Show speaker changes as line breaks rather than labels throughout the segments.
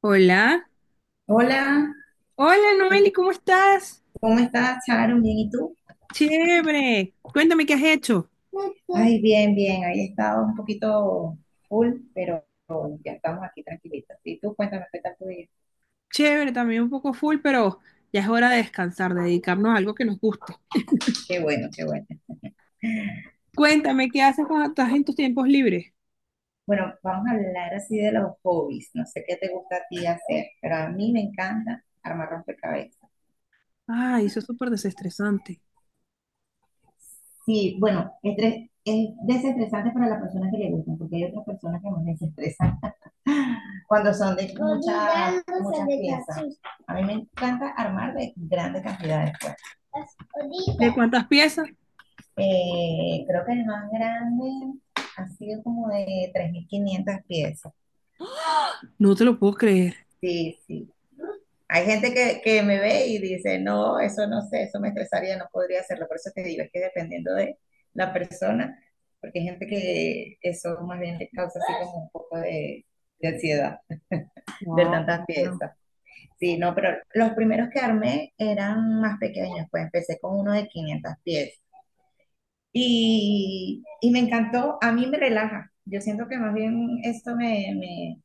Hola.
Hola,
Hola, Noeli, ¿cómo estás?
¿cómo estás, Sharon? Bien, ¿y tú?
Chévere. Cuéntame qué has hecho.
Ay, bien, bien. Ahí he estado un poquito full, pero ya estamos aquí tranquilitos. Y tú, cuéntame qué tal tu día.
Chévere, también un poco full, pero ya es hora de descansar, de dedicarnos a algo que nos guste.
Qué bueno, qué bueno.
Cuéntame qué haces cuando estás en tus tiempos libres.
Bueno, vamos a hablar así de los hobbies. No sé qué te gusta a ti hacer, pero a mí me encanta armar rompecabezas.
Ay, eso es súper desestresante.
Sí, bueno, es desestresante para las personas que le gusta, porque hay otras personas que nos desestresan cuando son de muchas piezas. A mí me encanta armar de grandes cantidades. Pues las
¿De
horitas.
cuántas piezas?
Creo que el más grande ha sido como de 3.500 piezas.
No te lo puedo creer.
Sí, sí. Hay gente que me ve y dice, no, eso no sé, eso me estresaría, no podría hacerlo. Por eso te digo, es que dependiendo de la persona, porque hay gente que eso más bien le causa así como un poco de ansiedad,
No,
de tantas piezas. Sí, no, pero los primeros que armé eran más pequeños, pues empecé con uno de 500 pies y me encantó, a mí me relaja, yo siento que más bien esto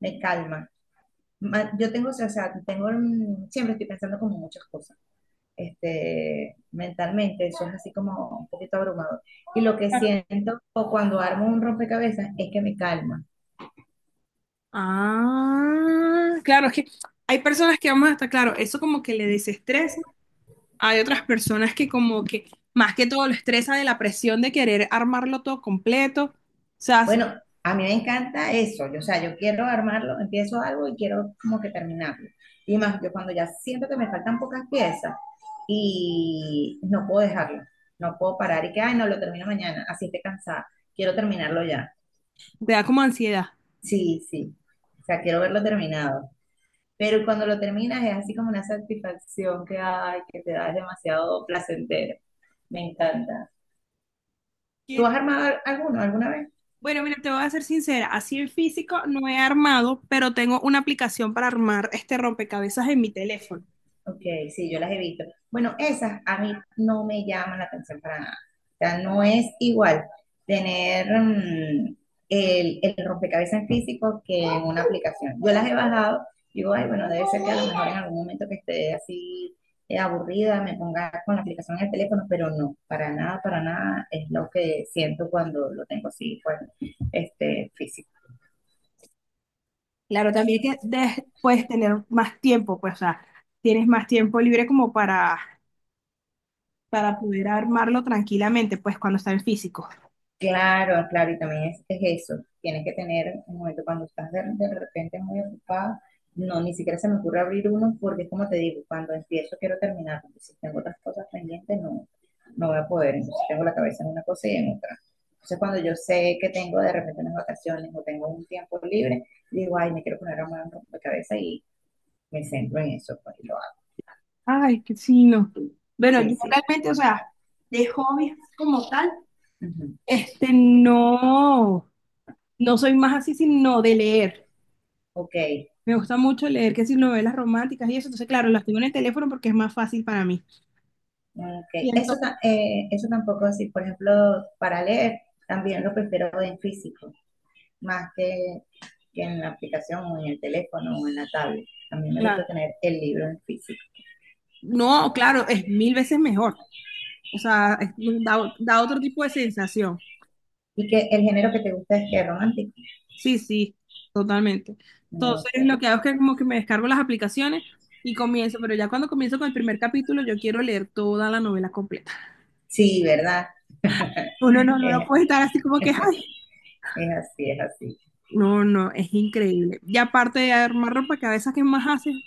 me calma. Yo tengo, o sea, tengo, siempre estoy pensando como muchas cosas, mentalmente, eso es así como un poquito abrumador. Y lo que
claro.
siento o cuando armo un rompecabezas es que me calma.
Ah, claro, es que hay personas que vamos hasta claro, eso como que le desestresa. Hay otras personas que como que más que todo lo estresa de la presión de querer armarlo todo completo, o sea,
Bueno, a mí me encanta eso. Yo, o sea, yo quiero armarlo, empiezo algo y quiero como que terminarlo. Y más, yo cuando ya siento que me faltan pocas piezas y no puedo dejarlo, no puedo parar y que, ay, no, lo termino mañana, así esté cansada, quiero terminarlo ya.
te da como ansiedad.
Sí, sí, o sea, quiero verlo terminado. Pero cuando lo terminas es así como una satisfacción que, ay, que te da, es demasiado placentero. Me encanta. ¿Tú
Que-
has armado alguno alguna vez?
Bueno, mira, te voy a ser sincera, así en físico no he armado, pero tengo una aplicación para armar este rompecabezas en mi teléfono.
Ok, sí, yo las he visto. Bueno, esas a mí no me llaman la atención para nada. O sea, no es igual tener el rompecabezas en físico que en una aplicación. Yo las he bajado, digo, ay, bueno, debe ser que a lo mejor en algún momento que esté así aburrida me ponga con la aplicación en el teléfono, pero no, para nada es lo que siento cuando lo tengo así, pues, físico.
Claro, también que puedes tener más tiempo, pues, o sea, tienes más tiempo libre como para poder armarlo tranquilamente, pues, cuando está en físico.
Claro, claro, y también es eso. Tienes que tener un momento cuando estás de repente muy ocupada. No, ni siquiera se me ocurre abrir uno porque es como te digo, cuando empiezo quiero terminar, porque si tengo otras cosas pendientes no, no voy a poder. Entonces tengo la cabeza en una cosa y en otra. Entonces cuando yo sé que tengo de repente unas vacaciones o tengo un tiempo libre, digo, ay, me quiero poner a armar un rompecabezas y me centro en eso, pues y lo hago.
Ay, que sí, no. Bueno,
Sí,
yo
sí.
realmente, o sea, de hobbies como tal,
Ujú.
no, no soy más así, sino de leer.
Ok.
Me gusta mucho leer, que si novelas románticas y eso, entonces, claro, las tengo en el teléfono porque es más fácil para mí. Y
Ok. Eso,
entonces,
eso tampoco así. Por ejemplo, para leer también lo prefiero en físico, más que en la aplicación o en el teléfono o en la tablet. A mí me gusta
claro.
tener el libro en físico.
No, claro, es mil veces mejor. O sea, da, da otro tipo de sensación.
Y que el género que te gusta es que es romántico.
Sí, sí, totalmente. Entonces,
Ok.
lo que hago es que como que me descargo las aplicaciones y comienzo, pero ya cuando comienzo con el primer capítulo, yo quiero leer toda la novela completa.
Sí, ¿verdad?
Uno no
Es,
puede estar así como que, ay,
es así, es así.
no, no, es increíble. Y aparte de armar ropa que a veces ¿qué más haces?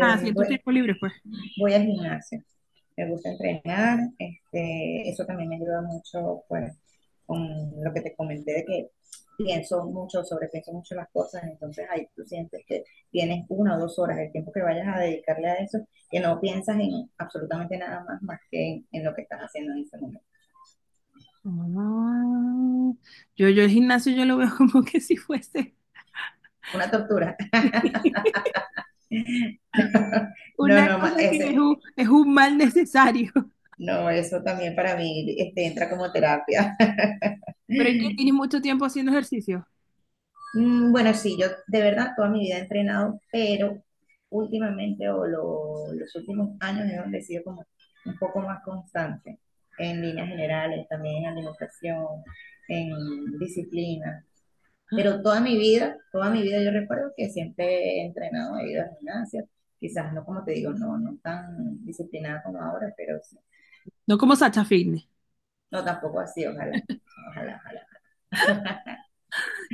Así en tu
bu-
tiempo libre, pues.
Voy al gimnasio, me gusta entrenar, eso también me ayuda mucho, pues, con lo que te comenté de que pienso mucho, sobrepienso mucho las cosas, entonces ahí tú sientes que tienes una o dos horas el tiempo que vayas a dedicarle a eso, que no piensas en absolutamente nada más más que en lo que estás haciendo en ese momento.
Ah, yo el gimnasio yo lo veo como que si fuese
Una tortura. no,
una
no,
cosa que es
ese,
es un mal necesario.
no, eso también para mí entra como terapia.
Pero es que tienes mucho tiempo haciendo ejercicio.
Bueno, sí, yo de verdad toda mi vida he entrenado, pero últimamente o los últimos años es donde he sido como un poco más constante en líneas generales, también en alimentación, en disciplina. Pero toda mi vida yo recuerdo que siempre he entrenado, he ido a gimnasia, quizás no como te digo, no, no tan disciplinada como ahora, pero sí.
No como Sacha Fitness.
No, tampoco así, ojalá, ojalá, ojalá.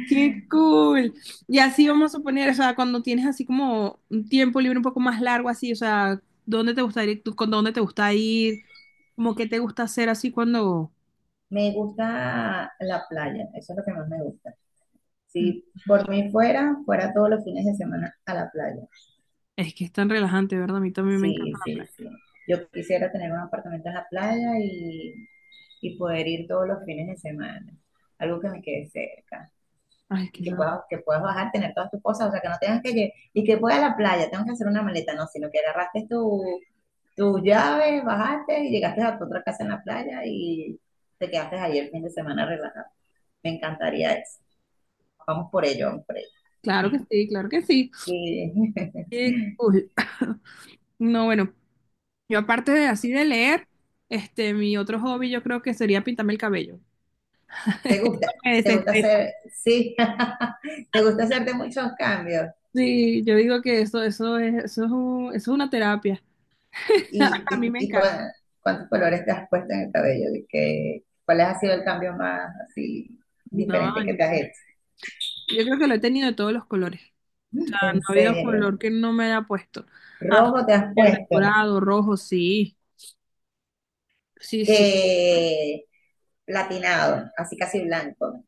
¡Qué cool! Y así vamos a suponer, o sea, cuando tienes así como un tiempo libre un poco más largo, así, o sea, ¿dónde te gusta ir? ¿Tú con dónde te gusta ir? ¿Cómo que te gusta hacer así cuando...
Me gusta la playa, eso es lo que más me gusta.
Mm,
Si
o
por
sea,
mí fuera, fuera todos los fines de semana a la playa.
es que es tan relajante, ¿verdad? A mí también me encanta
Sí,
la
sí,
playa.
sí. Yo quisiera tener un apartamento en la playa y poder ir todos los fines de semana. Algo que me quede cerca.
Ay,
Y
quizás.
que puedas bajar, tener todas tus cosas. O sea, que no tengas que llegar. Y que voy a la playa, tengo que hacer una maleta. No, sino que agarraste tus llaves, bajaste y llegaste a tu otra casa en la playa y te quedaste ahí el fin de semana relajado. Me encantaría eso. Vamos por ello, vamos por ello.
Claro que sí, claro que sí.
Sí.
Qué cool. No, bueno, yo aparte de así de leer, mi otro hobby yo creo que sería pintarme el cabello.
¿Te gusta,
Eso me
te gusta
desestresa.
hacer, sí, te gusta hacerte muchos cambios?
Sí, yo digo que eso es eso es una terapia.
¿Y,
A
y,
mí me
y
encanta.
cua- cuántos colores te has puesto en el cabello? ¿Y cuál ha sido el cambio más así
No,
diferente que
yo
te has
creo,
hecho?
yo creo que lo he tenido de todos los colores. Ah, no
En
ha habido
serio,
color que no me haya puesto.
rojo te has
Verde,
puesto,
dorado, rojo, sí. Sí, sí.
eh, platinado, así casi blanco.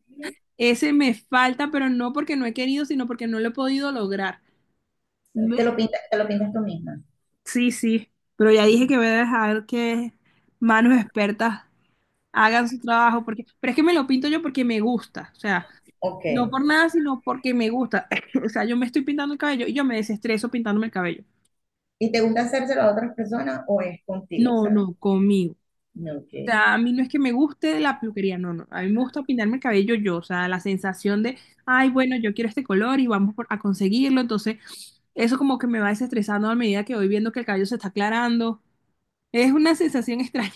Ese me falta, pero no porque no he querido, sino porque no lo he podido lograr. Me-
Te lo pintas tú misma?
Sí, sí, pero ya dije que voy a dejar que manos expertas hagan su trabajo, porque, pero es que me lo pinto yo porque me gusta, o sea,
Ok.
no por nada, sino porque me gusta. O sea, yo me estoy pintando el cabello y yo me desestreso pintándome el cabello.
¿Y te gusta hacérselo a otras personas o es contigo? O
No,
sea,
no, conmigo.
no, ok,
O sea, a mí no es que me guste la peluquería, no, no. A mí me gusta pintarme el cabello yo, o sea, la sensación de, ay, bueno, yo quiero este color y a conseguirlo. Entonces, eso como que me va desestresando a medida que voy viendo que el cabello se está aclarando. Es una sensación extraña,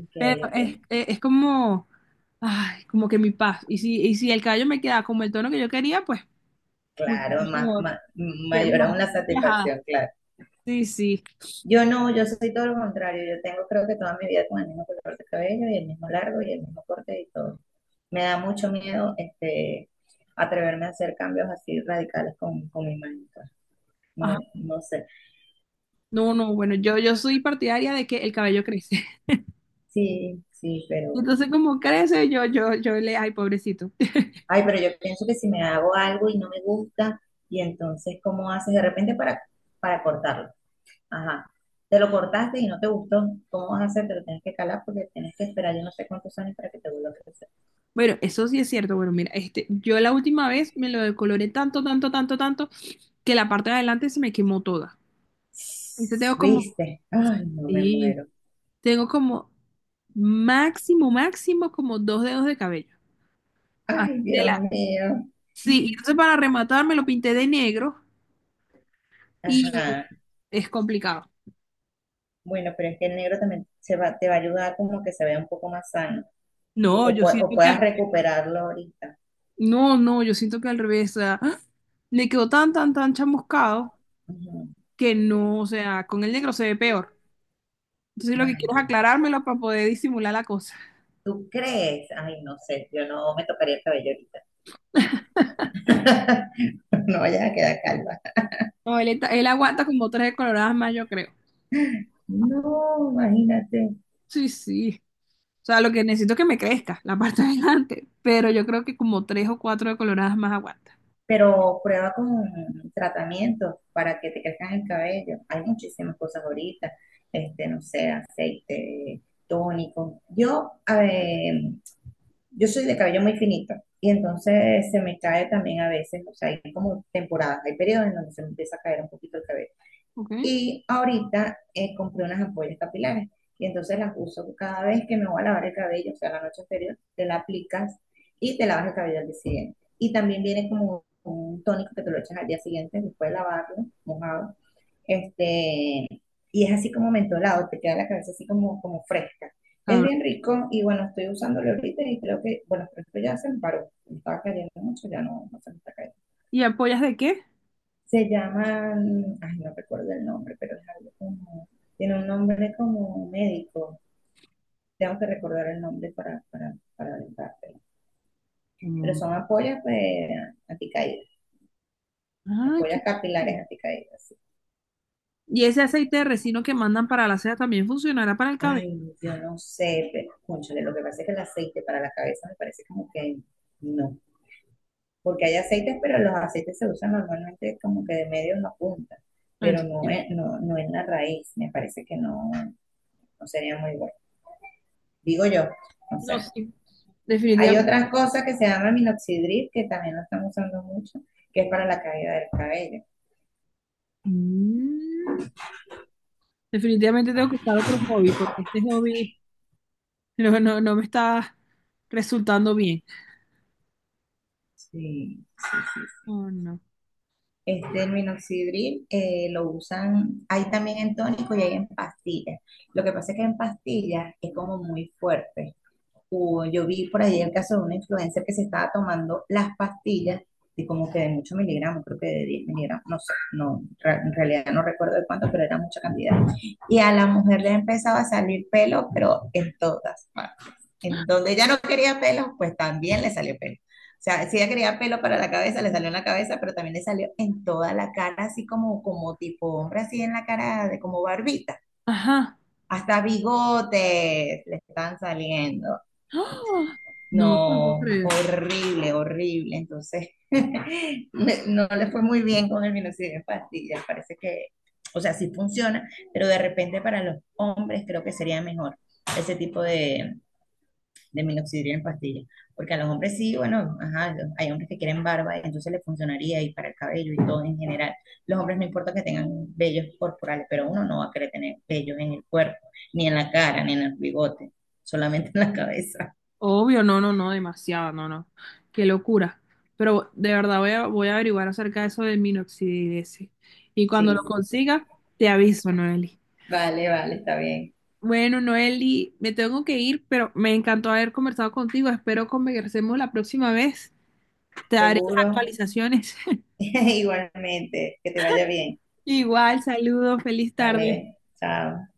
ok,
pero
ok.
es como, ay, como que mi paz. Y y si el cabello me queda como el tono que yo quería, pues mucho
Claro, más,
mejor,
más,
que
mayor
más
aún la
relajada.
satisfacción, claro.
Sí, sí.
Yo no, yo soy todo lo contrario. Yo tengo creo que toda mi vida con el mismo color de cabello y el mismo largo y el mismo corte y todo. Me da mucho miedo atreverme a hacer cambios así radicales con mi imagen pues.
Ah,
No, no sé.
no, no, bueno, yo soy partidaria de que el cabello crece.
Sí, sí, pero...
Entonces, como crece, yo le, ay, pobrecito.
Ay, pero yo pienso que si me hago algo y no me gusta, y entonces, ¿cómo haces de repente para cortarlo? Ajá. Te lo cortaste y no te gustó, ¿cómo vas a hacer? Te lo tienes que calar porque tienes que esperar yo no sé cuántos años para que te vuelva a crecer.
Bueno, eso sí es cierto. Bueno, mira, yo la última vez me lo decoloré tanto, que la parte de adelante se me quemó toda. Entonces tengo como,
¿Viste? Ay, no me
sí,
muero.
tengo como máximo, máximo, como dos dedos de cabello. Así
Ay,
de
Dios
la-
mío.
sí, y entonces para rematar me lo pinté de negro y
Ajá.
es complicado.
Bueno, pero es que el negro también se va, te va a ayudar como que se vea un poco más sano
No,
o,
yo
o
siento que al
puedas
revés.
recuperarlo ahorita.
No, no, yo siento que al revés. O sea, ¡ah! Me quedó tan chamuscado
Ujú.
que no, o sea, con el negro se ve peor. Entonces lo que
Ay,
quiero es
Dios.
aclarármelo para poder disimular la cosa.
¿Tú crees? Ay, no sé, yo no me tocaría el cabello ahorita. No vayas a quedar calva.
No, él, él aguanta como tres coloradas más, yo creo.
No, imagínate.
Sí, sí. O sea, lo que necesito es que me crezca la parte de adelante, pero yo creo que como tres o cuatro de coloradas más aguanta.
Pero prueba con tratamientos para que te crezcan el cabello. Hay muchísimas cosas ahorita, no sé, aceite, tónico. Yo, a ver, yo soy de cabello muy finito y entonces se me cae también a veces, o sea, hay como temporadas, hay periodos en donde se me empieza a caer un poquito el cabello.
¿Ok?
Y ahorita compré unas ampollas capilares y entonces las uso cada vez que me voy a lavar el cabello, o sea, la noche anterior, te la aplicas y te lavas el cabello al día siguiente. Y también viene como un tónico que te lo echas al día siguiente después de lavarlo, mojado. Este, y es así como mentolado, te queda la cabeza así como, como fresca. Es
Ahora,
bien rico y bueno, estoy usándolo ahorita y creo que, bueno, pero esto ya se me paró, me estaba cayendo mucho, ya no, no se me está cayendo.
¿y apoyas de qué?
Se llaman, ay, no recuerdo el nombre, pero es algo como, tiene un nombre como médico. Tengo que recordar el nombre para aventártelo. Pero
Mm.
son apoyas pues, anticaídas,
Ah, qué...
apoyas capilares anticaídas. Sí.
¿Y ese aceite de resino que mandan para la seda también funcionará para el cabello?
Ay, yo no sé, pero, cónchale, lo que pasa es que el aceite para la cabeza me parece como que no. Porque hay aceites, pero los aceites se usan normalmente como que de medio en la punta,
A ver,
pero no,
si-
no, no en la raíz. Me parece que no, no sería muy bueno. Digo yo, no
No,
sé.
sí.
Hay
Definitivamente.
otras cosas que se llama minoxidil, que también lo están usando mucho, que es para la caída del cabello.
Mm, definitivamente tengo que buscar otro hobby, porque este hobby no, no, no me está resultando bien.
Sí, sí, sí.
Oh, no.
Este el minoxidil lo usan, hay también en tónico y hay en pastillas. Lo que pasa es que en pastillas es como muy fuerte. O yo vi por ahí el caso de una influencer que se estaba tomando las pastillas de como que de muchos miligramos, creo que de 10 miligramos, no sé, no, en realidad no recuerdo de cuánto, pero era mucha cantidad. Y a la mujer le empezaba a salir pelo, pero en todas partes. En donde ella no quería pelo, pues también le salió pelo. O sea, si ella quería pelo para la cabeza, le salió en la cabeza, pero también le salió en toda la cara, así como, como tipo hombre, así en la cara de como barbita.
Ajá.
Hasta bigotes le están saliendo.
¡Ah! No te lo puedo
No,
creer.
horrible, horrible. Entonces, no le fue muy bien con el minoxidil en pastillas. Parece que, o sea, sí funciona, pero de repente para los hombres creo que sería mejor ese tipo de minoxidil en pastillas. Porque a los hombres sí, bueno, ajá, hay hombres que quieren barba y entonces le funcionaría y para el cabello y todo en general. Los hombres no importa que tengan vellos corporales, pero uno no va a querer tener vellos en el cuerpo, ni en la cara, ni en el bigote, solamente en la cabeza.
Obvio, no, no, no, demasiado, no, no. Qué locura. Pero de verdad voy a averiguar acerca de eso del minoxidilese. Y cuando lo
Sí, sí.
consiga, te aviso, Noeli.
Vale, vale, está bien.
Bueno, Noeli, me tengo que ir, pero me encantó haber conversado contigo. Espero conversemos la próxima vez. Te daré las
Seguro.
actualizaciones.
Igualmente, que te vaya bien.
Igual, saludos, feliz tarde.
Vale, chao.